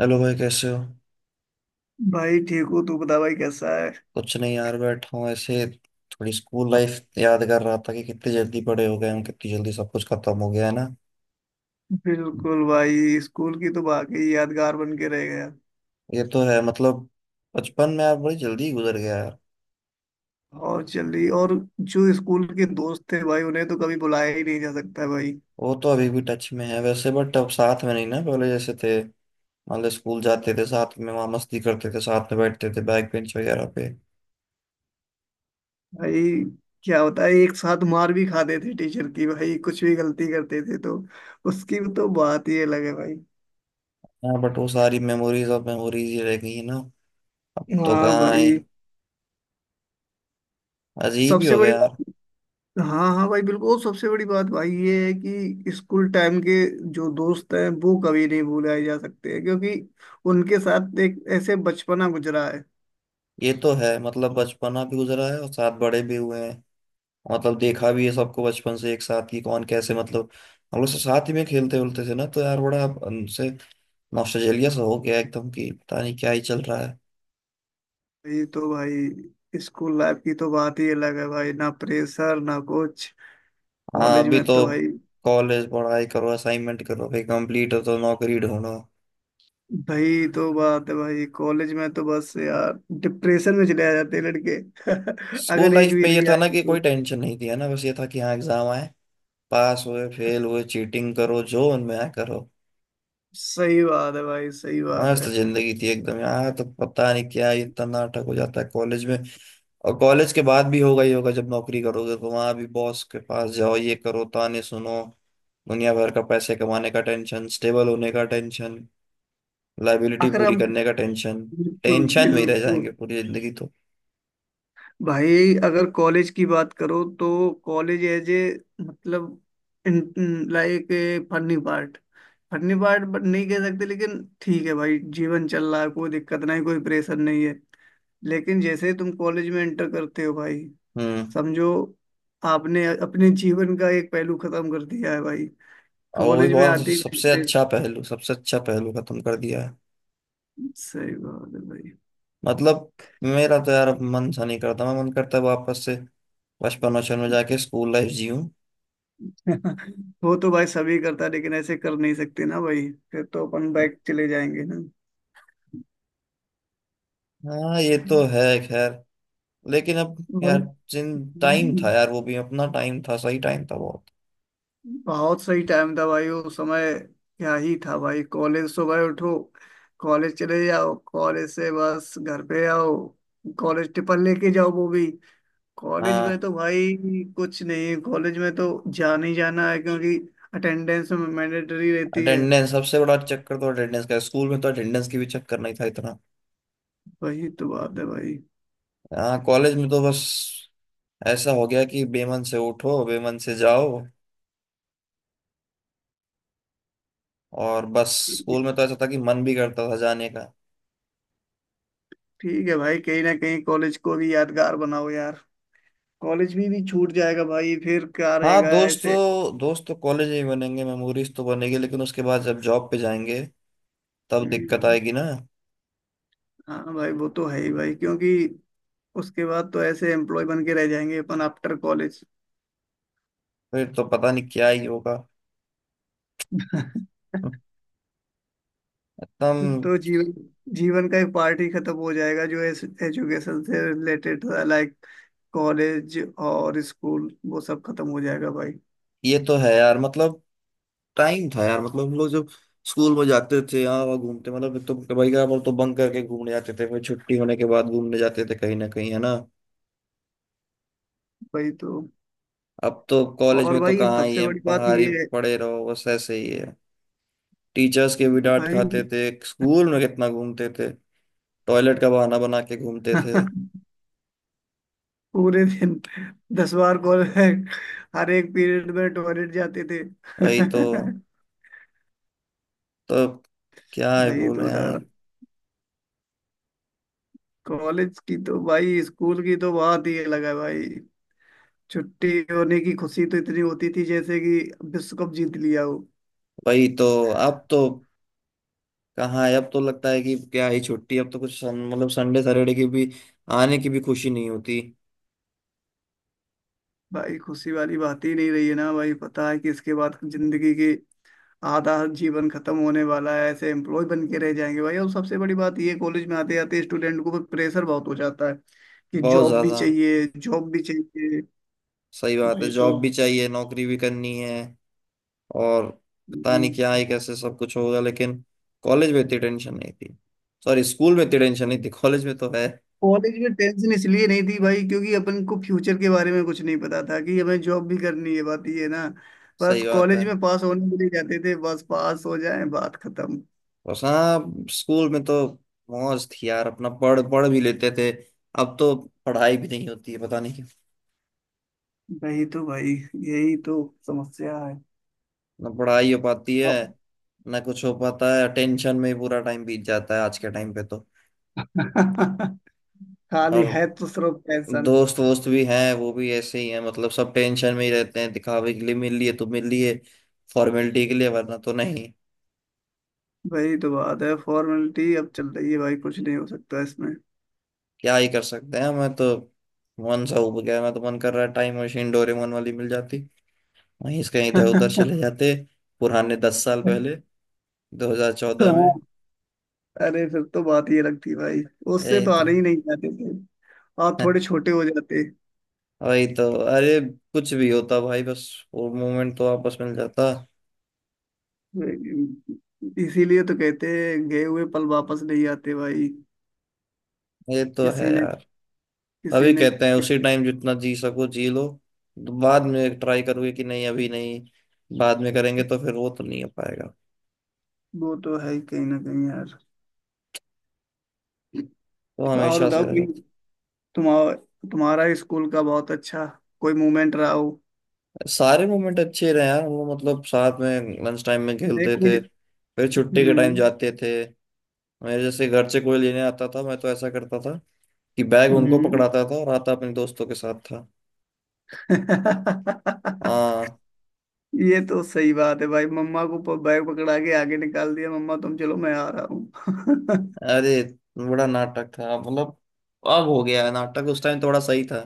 Hello भाई, कैसे हो? भाई ठीक हूँ। तू बता भाई कैसा है। कुछ नहीं यार, बैठा हूँ ऐसे। थोड़ी स्कूल लाइफ याद कर रहा था कि कितनी जल्दी बड़े हो गए हम, कितनी जल्दी सब कुछ खत्म हो गया, है ना। बिल्कुल भाई स्कूल की तो वाकई यादगार बन के रह गया। ये तो है, मतलब बचपन में यार बड़ी जल्दी ही गुजर गया यार। और चल रही और। जो स्कूल के दोस्त थे भाई उन्हें तो कभी बुलाया ही नहीं जा सकता है भाई। वो तो अभी भी टच में है वैसे, बट अब साथ में नहीं ना, पहले जैसे थे। मान लो स्कूल जाते थे साथ में, वहाँ मस्ती करते थे, साथ में बैठते थे बैक बेंच वगैरह पे। भाई क्या होता है एक साथ मार भी खाते थे टीचर की भाई कुछ भी गलती करते थे तो उसकी तो बात ही अलग है भाई। हाँ, बट वो सारी मेमोरीज अब मेमोरीज ही रह गई है ना। अब तो हाँ कहाँ है। भाई अजीब ही सबसे हो गया बड़ी यार। बात। हाँ, हाँ, भाई बिल्कुल। और सबसे बड़ी बात भाई ये है कि स्कूल टाइम के जो दोस्त हैं वो कभी नहीं भुलाए जा सकते हैं क्योंकि उनके साथ एक ऐसे बचपना गुजरा है। ये तो है, मतलब बचपना भी गुजरा है और साथ बड़े भी हुए हैं। मतलब देखा भी है सबको बचपन से एक साथ कि कौन कैसे, मतलब हम लोग सब साथ ही में खेलते उलते थे ना, तो यार बड़ा उनसे नॉस्टैल्जिया सा हो गया एकदम, कि पता नहीं क्या ही चल रहा है। ये तो भाई स्कूल लाइफ की तो बात ही अलग है भाई। ना प्रेशर ना कुछ। हाँ, कॉलेज अभी में तो तो भाई। कॉलेज पढ़ाई करो, असाइनमेंट करो, फिर कंप्लीट हो तो नौकरी ढूंढो। भाई तो बात है भाई कॉलेज में तो बस यार डिप्रेशन में चले आ जाते हैं लड़के। स्कूल अगर एक लाइफ भी में ये री था ना आई कि तो। कोई टेंशन नहीं थी, है ना, बस ये था कि हाँ, एग्जाम आए, पास हुए फेल हुए, चीटिंग करो जो उनमें आए करो। सही बात है भाई। सही बात मस्त है। जिंदगी थी एकदम यार, तो पता नहीं क्या ये इतना नाटक हो जाता है कॉलेज में। और कॉलेज के बाद भी होगा ही होगा, जब नौकरी करोगे तो वहां भी बॉस के पास जाओ, ये करो, ताने सुनो, दुनिया भर का पैसे कमाने का टेंशन, स्टेबल होने का टेंशन, लाइबिलिटी अगर पूरी हम। करने का टेंशन। बिल्कुल टेंशन में ही रह बिल्कुल। जाएंगे पूरी जिंदगी तो। भाई अगर कॉलेज की बात करो तो कॉलेज एज ए। मतलब। Like a funny part. Funny part नहीं कह सकते लेकिन ठीक है भाई जीवन चल रहा है। कोई दिक्कत नहीं कोई प्रेशर नहीं है। लेकिन जैसे ही तुम कॉलेज में एंटर करते हो भाई। हम्म। समझो। आपने अपने जीवन का एक पहलू खत्म कर दिया है भाई। और वही कॉलेज में बहुत आते ही सबसे प्रेस-। अच्छा पहलू, सबसे अच्छा पहलू खत्म कर दिया है। सही बात है भाई। मतलब मेरा तो यार अब मन सा नहीं करता, मैं मन करता है वापस से बचपन वचपन में जाके स्कूल लाइफ जीऊँ। वो तो भाई सभी करता है लेकिन ऐसे कर नहीं सकते ना भाई फिर तो अपन बैक चले जाएंगे। हाँ, ये ना तो है खैर। लेकिन अब यार, मन। जिन टाइम था यार, वो भी अपना टाइम था, सही टाइम था बहुत। बहुत सही टाइम था भाई वो समय। क्या ही था भाई कॉलेज सुबह उठो। कॉलेज चले जाओ कॉलेज से बस घर पे आओ। कॉलेज टिफिन लेके जाओ वो भी। कॉलेज में हाँ, तो भाई। कुछ नहीं कॉलेज में तो जाना ही जाना है क्योंकि अटेंडेंस में मैंडेटरी रहती है। अटेंडेंस सबसे बड़ा चक्कर, तो अटेंडेंस का है। स्कूल में तो अटेंडेंस की भी चक्कर नहीं था इतना। वही तो बात है भाई। हाँ, कॉलेज में तो बस ऐसा हो गया कि बेमन से उठो, बेमन से जाओ, और बस। स्कूल में तो ऐसा था कि मन भी करता था जाने का। ठीक है भाई कहीं ना कहीं कॉलेज को भी यादगार बनाओ यार। कॉलेज भी छूट जाएगा भाई फिर क्या हाँ, रहेगा दोस्त तो ऐसे। दोस्त तो कॉलेज में ही बनेंगे, मेमोरीज तो बनेगी, लेकिन उसके बाद जब जॉब पे जाएंगे तब दिक्कत हम्म, आएगी ना। हाँ भाई वो तो है ही भाई क्योंकि उसके बाद तो ऐसे एम्प्लॉय बन के रह जाएंगे अपन आफ्टर कॉलेज। फिर तो पता नहीं क्या ही होगा। एकदम। तो जीवन जीवन का एक पार्ट ही खत्म हो जाएगा जो एजुकेशन से रिलेटेड था लाइक कॉलेज और स्कूल वो सब खत्म हो जाएगा भाई। ये तो है यार, मतलब टाइम था यार, मतलब हम लोग जब स्कूल में जाते थे, यहाँ वहाँ घूमते, मतलब एक तो भाई का, हम तो बंक करके घूमने जाते थे, फिर छुट्टी होने के बाद घूमने जाते थे कहीं ना कहीं, है ना। भाई तो। अब तो कॉलेज और में तो भाई कहाँ ही सबसे है, बड़ी बात बाहर ये ही है। पड़े रहो बस, ऐसे ही है। टीचर्स के भी डांट भाई खाते थे स्कूल में, कितना घूमते थे। टॉयलेट का बहाना बना के घूमते थे। पूरे दिन 10 बार कॉल। हर एक पीरियड में टॉयलेट जाते थे। वही तो क्या है भाई तो बोले यार। बता। कॉलेज की तो भाई स्कूल की तो बात ही अलग है भाई। छुट्टी होने की खुशी तो इतनी होती थी जैसे कि विश्व कप जीत लिया हो। वही तो, अब तो कहाँ है, अब तो लगता है कि क्या ही छुट्टी, अब तो कुछ मतलब संडे सैटरडे की भी आने की भी खुशी नहीं होती। भाई खुशी वाली बात ही नहीं रही है ना भाई। पता है कि इसके बाद जिंदगी की आधा जीवन खत्म होने वाला है। ऐसे एम्प्लॉय बन के रह जाएंगे भाई। और सबसे बड़ी बात ये कॉलेज में आते आते स्टूडेंट को प्रेशर बहुत हो जाता है कि बहुत जॉब भी ज्यादा। चाहिए जॉब भी चाहिए। सही बात है, भाई तो। जॉब भी चाहिए, नौकरी भी करनी है। और पता नहीं हम्म, क्या ही कैसे सब कुछ होगा, लेकिन कॉलेज में इतनी टेंशन नहीं थी। सॉरी, स्कूल में इतनी टेंशन नहीं थी, कॉलेज में तो है। कॉलेज में टेंशन इसलिए नहीं थी भाई क्योंकि अपन को फ्यूचर के बारे में कुछ नहीं पता था कि हमें जॉब भी करनी है बात ये है ना। बस सही बात है। कॉलेज में पास होने के लिए जाते थे बस पास हो जाए बात खत्म। और हाँ, स्कूल में तो मौज थी यार, अपना पढ़ पढ़ भी लेते थे। अब तो पढ़ाई भी नहीं होती है, पता नहीं क्यों। वही तो भाई। यही तो समस्या है। ना पढ़ाई हो पाती है अब ना कुछ हो पाता है, टेंशन में ही पूरा टाइम बीत जाता है आज के टाइम पे तो। खाली और है तो सिर्फ टेंशन। दोस्त वोस्त भी हैं, वो भी ऐसे ही हैं, मतलब सब टेंशन में ही रहते हैं, दिखावे के लिए मिल लिए तो मिल लिए, फॉर्मेलिटी के लिए, वरना तो नहीं। वही तो बात है फॉर्मेलिटी अब चल रही है भाई कुछ नहीं हो सकता इसमें। क्या ही कर सकते हैं। मैं तो मन सा उब गया, मैं तो मन कर रहा है टाइम मशीन डोरेमोन वाली मिल जाती, वहीं से कहीं इधर उधर चले जाते, पुराने 10 साल पहले, 2014 हाँ, में। अरे फिर तो बात ही अलग थी भाई। उससे यही तो तो। आने ही नहीं जाते थे। आप थोड़े छोटे हो जाते। वही तो, अरे कुछ भी होता भाई, बस वो मोमेंट तो वापस मिल जाता। इसीलिए तो कहते हैं गए हुए पल वापस नहीं आते भाई। ये तो है। किसी ने किसी अभी ने कहते हैं उसी टाइम जितना जी सको जी लो, तो बाद में ट्राई करोगे कि नहीं, अभी नहीं, बाद में करेंगे तो फिर वो तो नहीं हो पाएगा, वो तो है ही कहीं ना कहीं यार। तो और हमेशा बताओ से रह कोई। जाता तुम्हारा तुम्हारा स्कूल का बहुत अच्छा कोई मोमेंट रहा हो। है। सारे मोमेंट अच्छे रहे यार, वो मतलब साथ में लंच टाइम में नहीं खेलते कोई। थे, फिर छुट्टी के टाइम हम्म। जाते थे, मेरे जैसे घर से कोई लेने आता था, मैं तो ऐसा करता था कि बैग उनको हम्म। पकड़ाता था और आता अपने दोस्तों के साथ था। हाँ। ये तो सही बात है भाई मम्मा को प- बैग पकड़ा के आगे निकाल दिया मम्मा तुम चलो मैं आ रहा हूँ। अरे बड़ा नाटक था, मतलब अब हो गया है नाटक, उस टाइम थोड़ा सही था।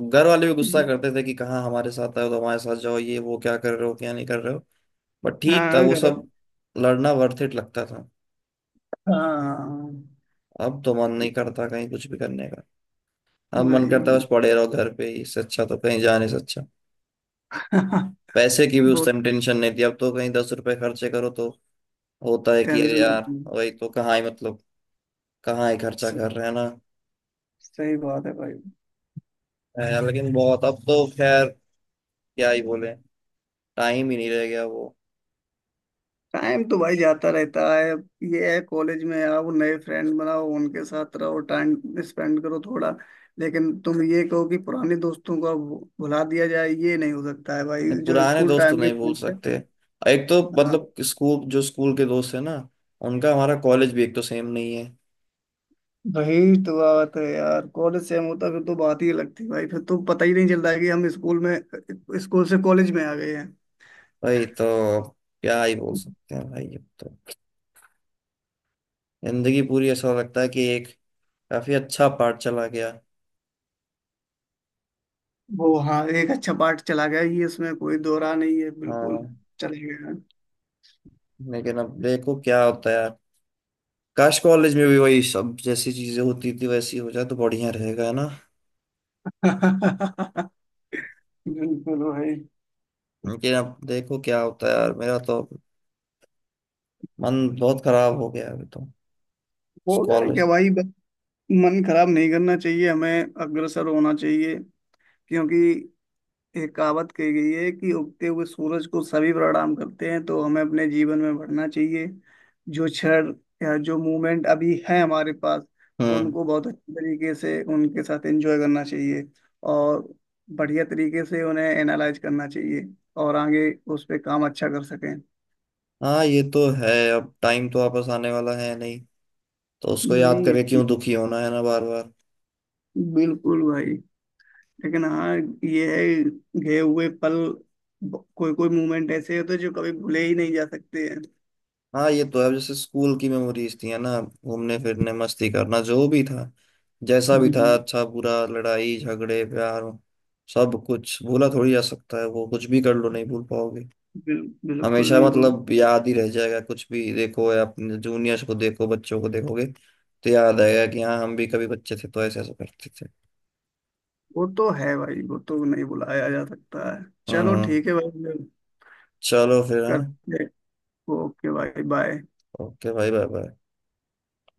घर वाले भी गुस्सा करते थे कि कहाँ हमारे साथ आए हो तो हमारे साथ जाओ, ये वो क्या कर रहे हो क्या नहीं कर रहे हो। बट ठीक था हाँ वो घर। सब, लड़ना वर्थ इट लगता था। हाँ अब तो मन नहीं करता कहीं कुछ भी करने का, अब मन करता भाई है बस पड़े रहो घर पे ही, इससे अच्छा तो कहीं जाने से अच्छा। पैसे की भी उस बहुत टाइम टेंशन नहीं थी, अब तो कहीं 10 रुपए खर्चे करो तो होता है कि अरे टेंशन यार। होती। वही तो, कहाँ ही, मतलब कहाँ ही खर्चा सब कर रहे हैं ना। सही बात है भाई। है, लेकिन बहुत। अब तो खैर, क्या ही बोले, टाइम ही नहीं रह गया वो। टाइम तो भाई जाता रहता है अब। ये है कॉलेज में आओ नए फ्रेंड बनाओ उनके साथ रहो टाइम स्पेंड करो थोड़ा। लेकिन तुम ये कहो कि पुराने दोस्तों को अब भुला दिया जाए ये नहीं हो सकता है भाई। नहीं, जो पुराने स्कूल दोस्त तो टाइम के नहीं भूल फ्रेंड थे। सकते। एक तो, हाँ, मतलब स्कूल, जो स्कूल के दोस्त है ना, उनका हमारा कॉलेज भी एक तो सेम नहीं है। वही तो बात है यार कॉलेज से हम होता फिर तो बात ही अलग थी भाई। फिर तो पता ही नहीं चलता है कि हम स्कूल में स्कूल से कॉलेज में आ गए हैं। भाई तो क्या ही बोल सकते हैं भाई। अब तो जिंदगी पूरी ऐसा लगता है कि एक काफी अच्छा पार्ट चला गया। वो हाँ एक अच्छा पार्ट चला गया ये इसमें कोई दोहरा नहीं है बिल्कुल। हाँ, चले गए हैं। लेकिन अब देखो क्या होता है यार। काश कॉलेज में भी वही सब जैसी चीजें होती थी वैसी हो जाए तो बढ़िया रहेगा, है ना। बिल्कुल भाई। लेकिन अब देखो क्या होता है यार, मेरा तो मन बहुत खराब हो गया है अभी तो होगा क्या कॉलेज। भाई बस। मन खराब नहीं करना चाहिए हमें अग्रसर होना चाहिए क्योंकि एक कहावत कही गई है कि उगते हुए सूरज को सभी प्रणाम करते हैं तो हमें अपने जीवन में बढ़ना चाहिए जो क्षण या जो मूवमेंट अभी है हमारे पास हम्म। उनको बहुत अच्छे तरीके से उनके साथ एंजॉय करना चाहिए और बढ़िया तरीके से उन्हें एनालाइज करना चाहिए और आगे उस पे काम अच्छा कर सकें। हाँ, ये तो है, अब टाइम तो वापस आने वाला है नहीं, तो उसको याद नहीं करके क्यों दुखी होना, है ना, बार बार। बिल्कुल भाई। लेकिन हाँ ये है गए हुए पल कोई कोई मोमेंट ऐसे होते हैं जो कभी भूले ही नहीं जा सकते हैं। हाँ, ये तो है, अब जैसे स्कूल की मेमोरीज थी है ना, घूमने फिरने मस्ती करना, जो भी था जैसा भी था, हम्म, अच्छा बुरा लड़ाई झगड़े प्यार, सब कुछ भूला थोड़ी जा सकता है वो, कुछ भी कर लो नहीं भूल पाओगे। बिल्कुल हमेशा नहीं भूल। मतलब याद ही रह जाएगा, कुछ भी देखो, या अपने जूनियर्स को देखो, बच्चों को देखोगे तो याद आएगा कि हाँ, हम भी कभी बच्चे थे तो ऐसे ऐसे करते थे। वो तो है भाई वो तो नहीं भुलाया जा सकता है चलो हम्म। ठीक है भाई चलो फिर, हाँ, करते हैं। ओके भाई बाय। ओके भाई बाय बाय।